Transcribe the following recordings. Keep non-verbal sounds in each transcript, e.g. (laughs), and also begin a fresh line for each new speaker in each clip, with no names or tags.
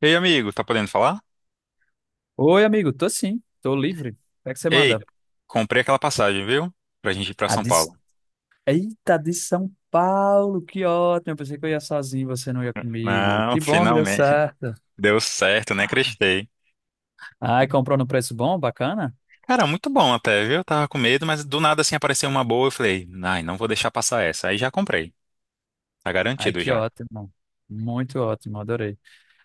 Ei, amigo, tá podendo falar?
Oi, amigo, tô sim, tô livre. O que é que você
Ei,
manda?
comprei aquela passagem, viu? Pra gente ir pra
Ah,
São Paulo.
Eita, de São Paulo, que ótimo. Eu pensei que eu ia sozinho, você não ia comigo.
Não, (laughs)
Que bom que deu
finalmente.
certo.
Deu certo, né? Acreditei.
Ai, comprou no preço bom, bacana?
Cara, muito bom até, viu? Eu tava com medo, mas do nada assim apareceu uma boa. Eu falei, ai, não vou deixar passar essa. Aí já comprei. Tá
Ai,
garantido
que
já.
ótimo. Muito ótimo, adorei.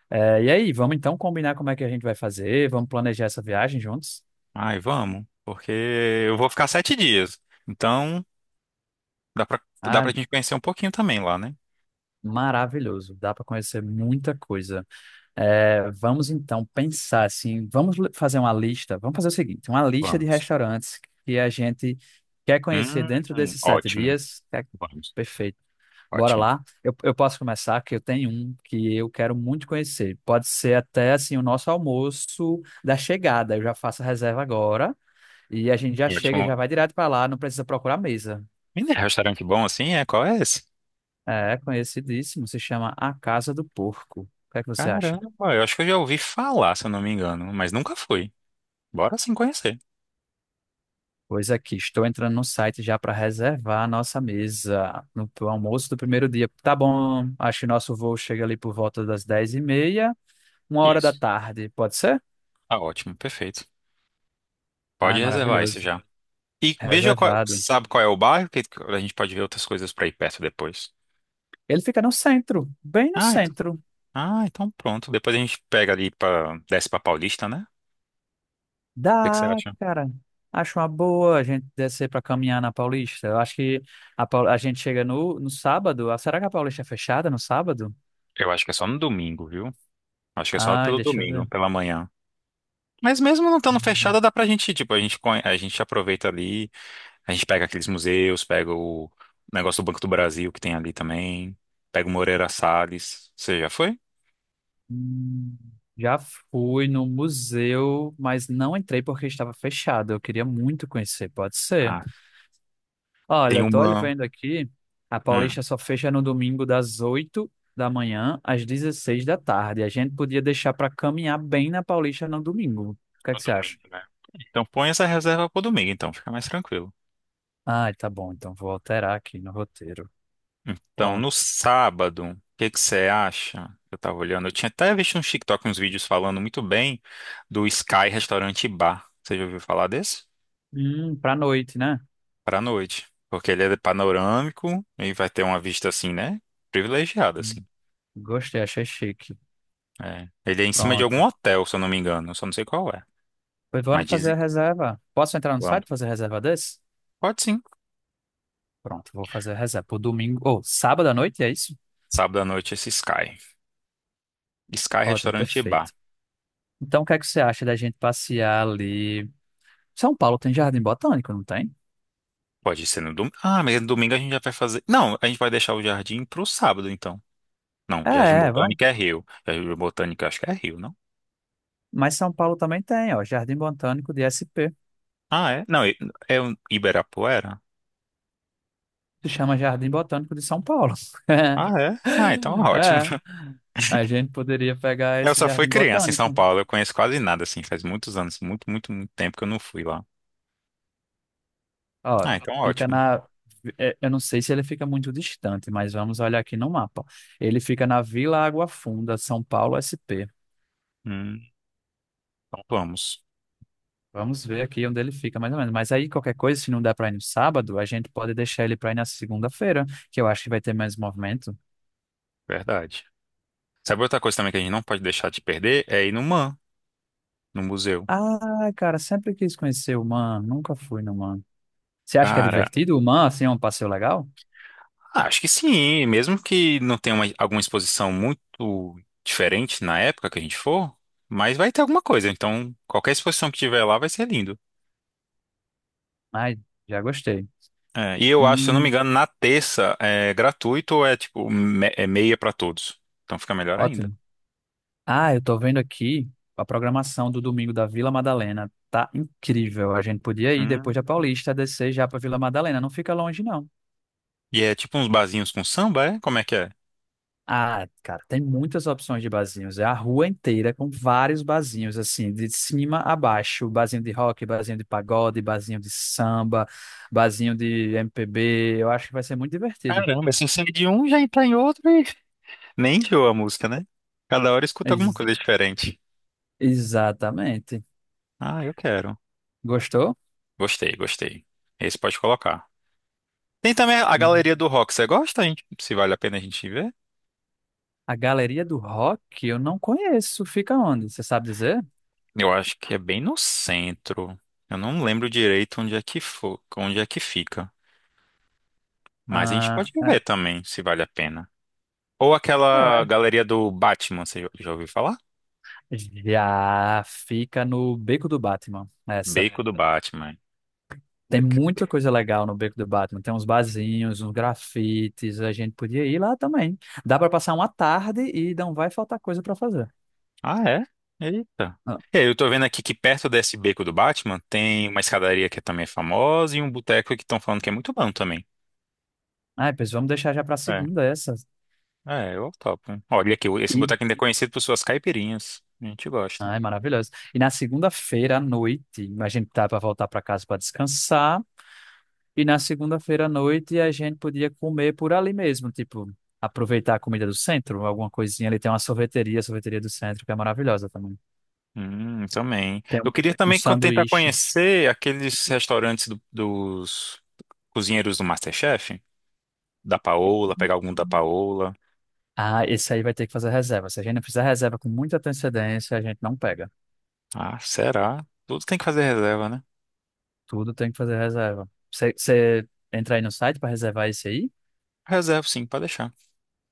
É, e aí, vamos então combinar como é que a gente vai fazer? Vamos planejar essa viagem juntos?
Ai, vamos, porque eu vou ficar 7 dias. Então, dá pra, dá
Ah,
pra gente conhecer um pouquinho também lá, né?
maravilhoso. Dá para conhecer muita coisa. É, vamos então pensar assim, fazer uma lista, vamos fazer o seguinte, uma lista de
Vamos.
restaurantes que a gente quer conhecer dentro desses sete
Ótimo.
dias. É,
Vamos.
perfeito. Bora
Ótimo.
lá. Eu posso começar, que eu tenho um que eu quero muito conhecer. Pode ser até assim o nosso almoço da chegada. Eu já faço a reserva agora e a gente já chega, e
Ótimo.
já vai direto para lá, não precisa procurar mesa.
Menino, restaurante bom assim, é? Qual é esse?
É conhecidíssimo, se chama A Casa do Porco. O que é que você
Caramba,
acha?
eu acho que eu já ouvi falar, se eu não me engano, mas nunca fui. Bora sim conhecer.
Pois aqui, estou entrando no site já para reservar a nossa mesa no pro almoço do primeiro dia. Tá bom, acho que nosso voo chega ali por volta das 10h30, uma hora da
Isso.
tarde, pode ser?
Tá ótimo, perfeito. Pode
Ai,
reservar isso
maravilhoso.
já. E veja qual,
Reservado.
sabe qual é o bairro, que a gente pode ver outras coisas pra ir perto depois.
Ele fica no centro, bem no
Ah, então,
centro.
ah, então pronto. Depois a gente pega ali para desce pra Paulista, né? O que que você
Dá,
acha?
cara. Acho uma boa a gente descer para caminhar na Paulista. Eu acho que a gente chega no sábado. Ah, será que a Paulista é fechada no sábado?
Eu acho que é só no domingo, viu? Acho que é só
Ai,
pelo
deixa eu
domingo,
ver.
pela manhã. Mas mesmo não estando fechada, dá pra gente, tipo, a gente aproveita ali. A gente pega aqueles museus, pega o negócio do Banco do Brasil que tem ali também, pega o Moreira Salles. Você já foi?
Hum, Já fui no museu, mas não entrei porque estava fechado. Eu queria muito conhecer, pode ser.
Ah, tem
Olha, tô olhando
uma.
vendo aqui, a
Hum,
Paulista só fecha no domingo das 8 da manhã às 16 da tarde. A gente podia deixar para caminhar bem na Paulista no domingo. O que é
no
que você acha?
domingo, né? Então põe essa reserva pro domingo, então, fica mais tranquilo.
Ah, tá bom, então vou alterar aqui no roteiro.
Então, no
Pronto.
sábado, o que que você acha? Eu tava olhando, eu tinha até visto no TikTok uns vídeos falando muito bem do Sky Restaurante e Bar. Você já ouviu falar desse?
Pra noite, né?
Pra noite. Porque ele é panorâmico e vai ter uma vista assim, né? Privilegiada,
Hum,
assim.
Gostei, achei chique.
É. Ele é em cima de algum
Pronto.
hotel, se eu não me engano. Eu só não sei qual é.
Pois
Mas
vamos fazer
dizem
a
que
reserva. Posso entrar no
vamos.
site e fazer reserva desse?
Pode sim.
Pronto, vou fazer a reserva. Pro domingo, ou sábado à noite, é isso?
Sábado à noite esse Sky. Sky
Ótimo,
Restaurante e
perfeito.
Bar.
Então, o que é que você acha da gente passear ali? São Paulo tem Jardim Botânico, não tem?
Pode ser no domingo. Ah, mas no domingo a gente já vai fazer. Não, a gente vai deixar o jardim pro sábado, então. Não,
É,
Jardim
é, vamos.
Botânico é Rio. Jardim Botânico eu acho que é Rio, não?
Mas São Paulo também tem, ó, Jardim Botânico de SP.
Ah, é? Não, é o Ibirapuera?
Se chama Jardim Botânico de São Paulo.
Ah,
(laughs)
é? Ah, então ótimo.
É,
(laughs)
a gente poderia pegar
Eu
esse
só fui
Jardim
criança em São
Botânico.
Paulo, eu conheço quase nada, assim, faz muitos anos, muito, muito, muito tempo que eu não fui lá.
Ó,
Ah, então
fica
ótimo.
na. É, eu não sei se ele fica muito distante, mas vamos olhar aqui no mapa. Ele fica na Vila Água Funda, São Paulo, SP.
Hum, então vamos.
Vamos ver aqui onde ele fica, mais ou menos. Mas aí, qualquer coisa, se não der pra ir no sábado, a gente pode deixar ele pra ir na segunda-feira, que eu acho que vai ter mais movimento.
Verdade. Sabe outra coisa também que a gente não pode deixar de perder? É ir no MAM, no museu.
Ah, cara, sempre quis conhecer o Man, nunca fui no Man. Você acha que é
Cara,
divertido o Man, assim, é um passeio legal?
acho que sim, mesmo que não tenha alguma exposição muito diferente na época que a gente for, mas vai ter alguma coisa. Então, qualquer exposição que tiver lá vai ser lindo.
Ai, já gostei.
É, e eu acho, se eu não me
Hum,
engano, na terça é gratuito ou é é meia pra todos. Então fica melhor ainda.
Ótimo. Ah, eu tô vendo aqui a programação do domingo da Vila Madalena. Tá incrível. A gente podia ir depois
Hum.
da Paulista, descer já pra Vila Madalena. Não fica longe, não.
E é tipo uns barzinhos com samba, é? Como é que é?
Ah, cara, tem muitas opções de barzinhos. É a rua inteira com vários barzinhos, assim, de cima a baixo. Barzinho de rock, barzinho de pagode, barzinho de samba, barzinho de MPB. Eu acho que vai ser muito divertido.
Caramba, assim sai de um, já entra em outro e (laughs) nem enjoa a música, né? Cada hora escuta alguma
Ex-
coisa diferente.
Exatamente.
Ah, eu quero.
Gostou?
Gostei, gostei. Esse pode colocar. Tem também a
Uhum.
galeria do Rock. Você gosta, gente? Se vale a pena a gente ver?
A Galeria do Rock eu não conheço. Fica onde? Você sabe dizer?
Eu acho que é bem no centro. Eu não lembro direito onde é que fica. Mas a gente
Ah,
pode ver
ah,
também, se vale a pena. Ou
é,
aquela
ué.
galeria do Batman, você já ouviu falar?
Já fica no Beco do Batman. Essa.
Beco do Batman.
Tem
Que- que-
muita coisa legal no Beco do Batman. Tem uns barzinhos, uns grafites. A gente podia ir lá também. Dá para passar uma tarde e não vai faltar coisa para fazer.
Ah, é? Eita.
Ah,
E aí, eu tô vendo aqui que perto desse beco do Batman tem uma escadaria que também é famosa e um boteco que estão falando que é muito bom também.
ai, pois vamos deixar já para segunda essa.
É, eu topo. Olha aqui, esse
E...
boteco ainda é conhecido por suas caipirinhas. A gente gosta.
Ai, maravilhoso. E na segunda-feira à noite, a gente tá para voltar para casa para descansar. E na segunda-feira à noite a gente podia comer por ali mesmo, tipo, aproveitar a comida do centro, alguma coisinha ali. Tem uma sorveteria, a sorveteria do centro, que é maravilhosa também.
Também.
Tem
Eu
um
queria tentar
sanduíche.
conhecer aqueles restaurantes dos cozinheiros do MasterChef, da Paola, pegar algum da Paola.
Ah, esse aí vai ter que fazer reserva. Se a gente não fizer reserva com muita antecedência, a gente não pega.
Ah, será? Tudo tem que fazer reserva, né?
Tudo tem que fazer reserva. Você entra aí no site para reservar esse aí?
Reserva, sim, pode deixar.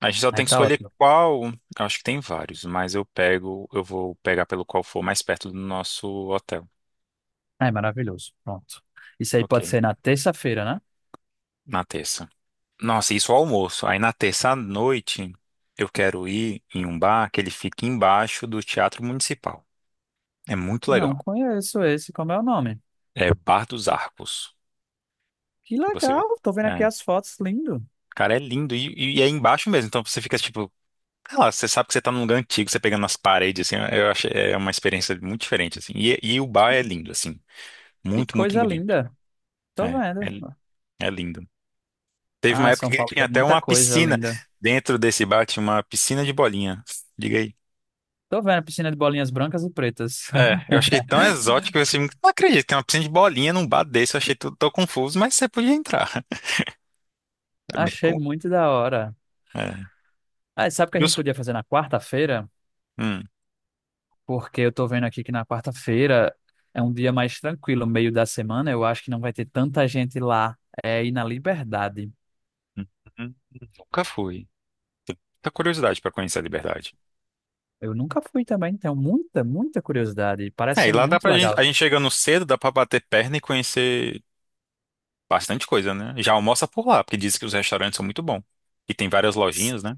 A gente só
Aí
tem que
tá
escolher
ótimo.
qual. Eu acho que tem vários, mas eu pego, eu vou pegar pelo qual for mais perto do nosso hotel.
É maravilhoso. Pronto. Isso aí
Ok,
pode ser na terça-feira, né?
na terça. Nossa, isso ao almoço. Aí na terça à noite eu quero ir em um bar que ele fica embaixo do Teatro Municipal. É muito
Não
legal.
conheço esse. Como é o nome?
É Bar dos Arcos.
Que
Se você ver.
legal. Tô vendo aqui
É.
as fotos. Lindo.
Cara, é lindo. E é embaixo mesmo. Então você fica tipo, sei lá, você sabe que você tá num lugar antigo, você pegando nas paredes, assim. Eu acho é uma experiência muito diferente, assim. E o bar é lindo, assim.
Que
Muito, muito
coisa
bonito.
linda. Tô
É,
vendo.
é, é lindo. Teve uma
Ah,
época
São
que
Paulo
tinha
tem
até
muita
uma
coisa
piscina.
linda.
Dentro desse bar tinha uma piscina de bolinha. Diga aí.
Tô vendo a piscina de bolinhas brancas e pretas.
É, eu achei
(laughs)
tão exótico assim, não acredito, tem uma piscina de bolinha num bar desse, eu achei tudo tão confuso, mas você podia entrar. (laughs) É bem
Achei
com...
muito da hora.
É.
Ah, e sabe o que a
E
gente
os-
podia fazer na quarta-feira?
Hum,
Porque eu tô vendo aqui que na quarta-feira é um dia mais tranquilo, meio da semana, eu acho que não vai ter tanta gente lá, é, e na Liberdade.
hum, hum, nunca fui. Tá curiosidade pra conhecer a Liberdade.
Eu nunca fui também, então muita, muita curiosidade, parece
É, e
ser
lá dá
muito
pra gente,
legal.
a gente chegando cedo, dá pra bater perna e conhecer bastante coisa, né? Já almoça por lá, porque dizem que os restaurantes são muito bons. E tem várias
S-
lojinhas, né?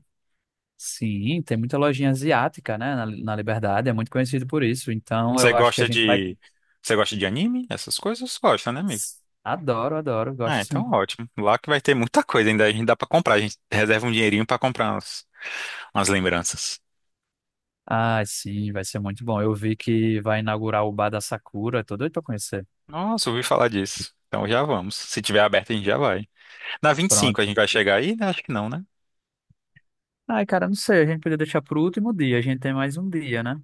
Sim, tem muita lojinha asiática, né, na Liberdade, é muito conhecido por isso, então
Você
eu acho que a
gosta
gente vai...
de, você gosta de anime? Essas coisas gosta, né, amigo?
Adoro, adoro,
Ah,
gosto sim.
então ótimo. Lá que vai ter muita coisa ainda, a gente dá pra comprar, a gente reserva um dinheirinho pra comprar uns. As lembranças.
Ah, sim, vai ser muito bom. Eu vi que vai inaugurar o Bar da Sakura, tô doido pra conhecer.
Nossa, ouvi falar disso. Então já vamos. Se tiver aberto, a gente já vai. Na 25 a
Pronto.
gente vai chegar aí? Né? Acho que não, né?
Ai, cara, não sei, a gente podia deixar pro último dia, a gente tem mais um dia, né?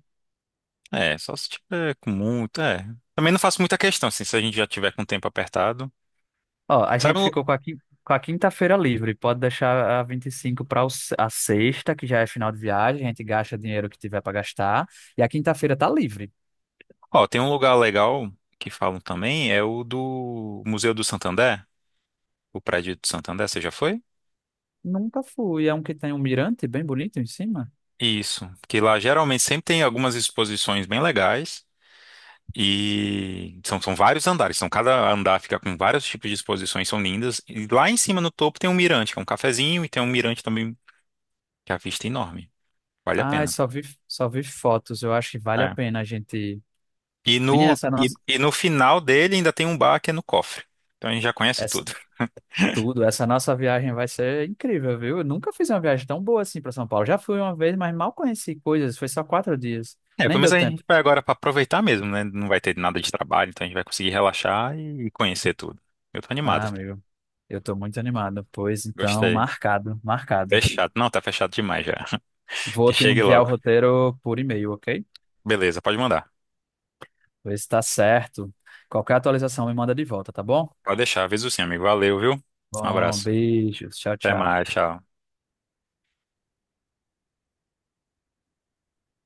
É, só se tiver com muito, é. Também não faço muita questão, assim, se a gente já tiver com o tempo apertado.
Ó, a
Sabe,
gente
um-
ficou com a quinta-feira livre. Pode deixar a 25 para a sexta, que já é final de viagem. A gente gasta dinheiro que tiver para gastar. E a quinta-feira tá livre.
ó, tem um lugar legal que falam também, é o do Museu do Santander, o prédio do Santander, você já foi?
Nunca fui. É um que tem um mirante bem bonito em cima.
Isso, que lá geralmente sempre tem algumas exposições bem legais. E são vários andares, então cada andar fica com vários tipos de exposições, são lindas. E lá em cima, no topo, tem um mirante, que é um cafezinho, e tem um mirante também, que a vista é enorme. Vale a
Ai,
pena.
só vi fotos. Eu acho que vale a
É.
pena a gente.
E
Menina,
no,
essa
e,
nossa.
e no final dele ainda tem um bar que é no cofre. Então a gente já conhece
Essa,
tudo. (laughs)
tudo, essa nossa viagem vai ser incrível, viu? Eu nunca fiz uma viagem tão boa assim para São Paulo. Já fui uma vez, mas mal conheci coisas. Foi só 4 dias.
É, pelo
Nem
menos
deu
a
tempo.
gente vai agora para aproveitar mesmo, né? Não vai ter nada de trabalho, então a gente vai conseguir relaxar e conhecer tudo. Eu tô
Ah,
animado.
amigo, eu tô muito animado. Pois então,
Gostei.
marcado, marcado.
Fechado. Não, tá fechado demais já. (laughs) Que
Vou te
chegue
enviar o
logo.
roteiro por e-mail, ok?
Beleza, pode mandar.
Vê se tá certo. Qualquer atualização me manda de volta, tá bom?
Pode deixar, avisa sim, amigo. Valeu, viu? Um
Bom,
abraço.
beijos. Tchau,
Até
tchau.
mais, tchau.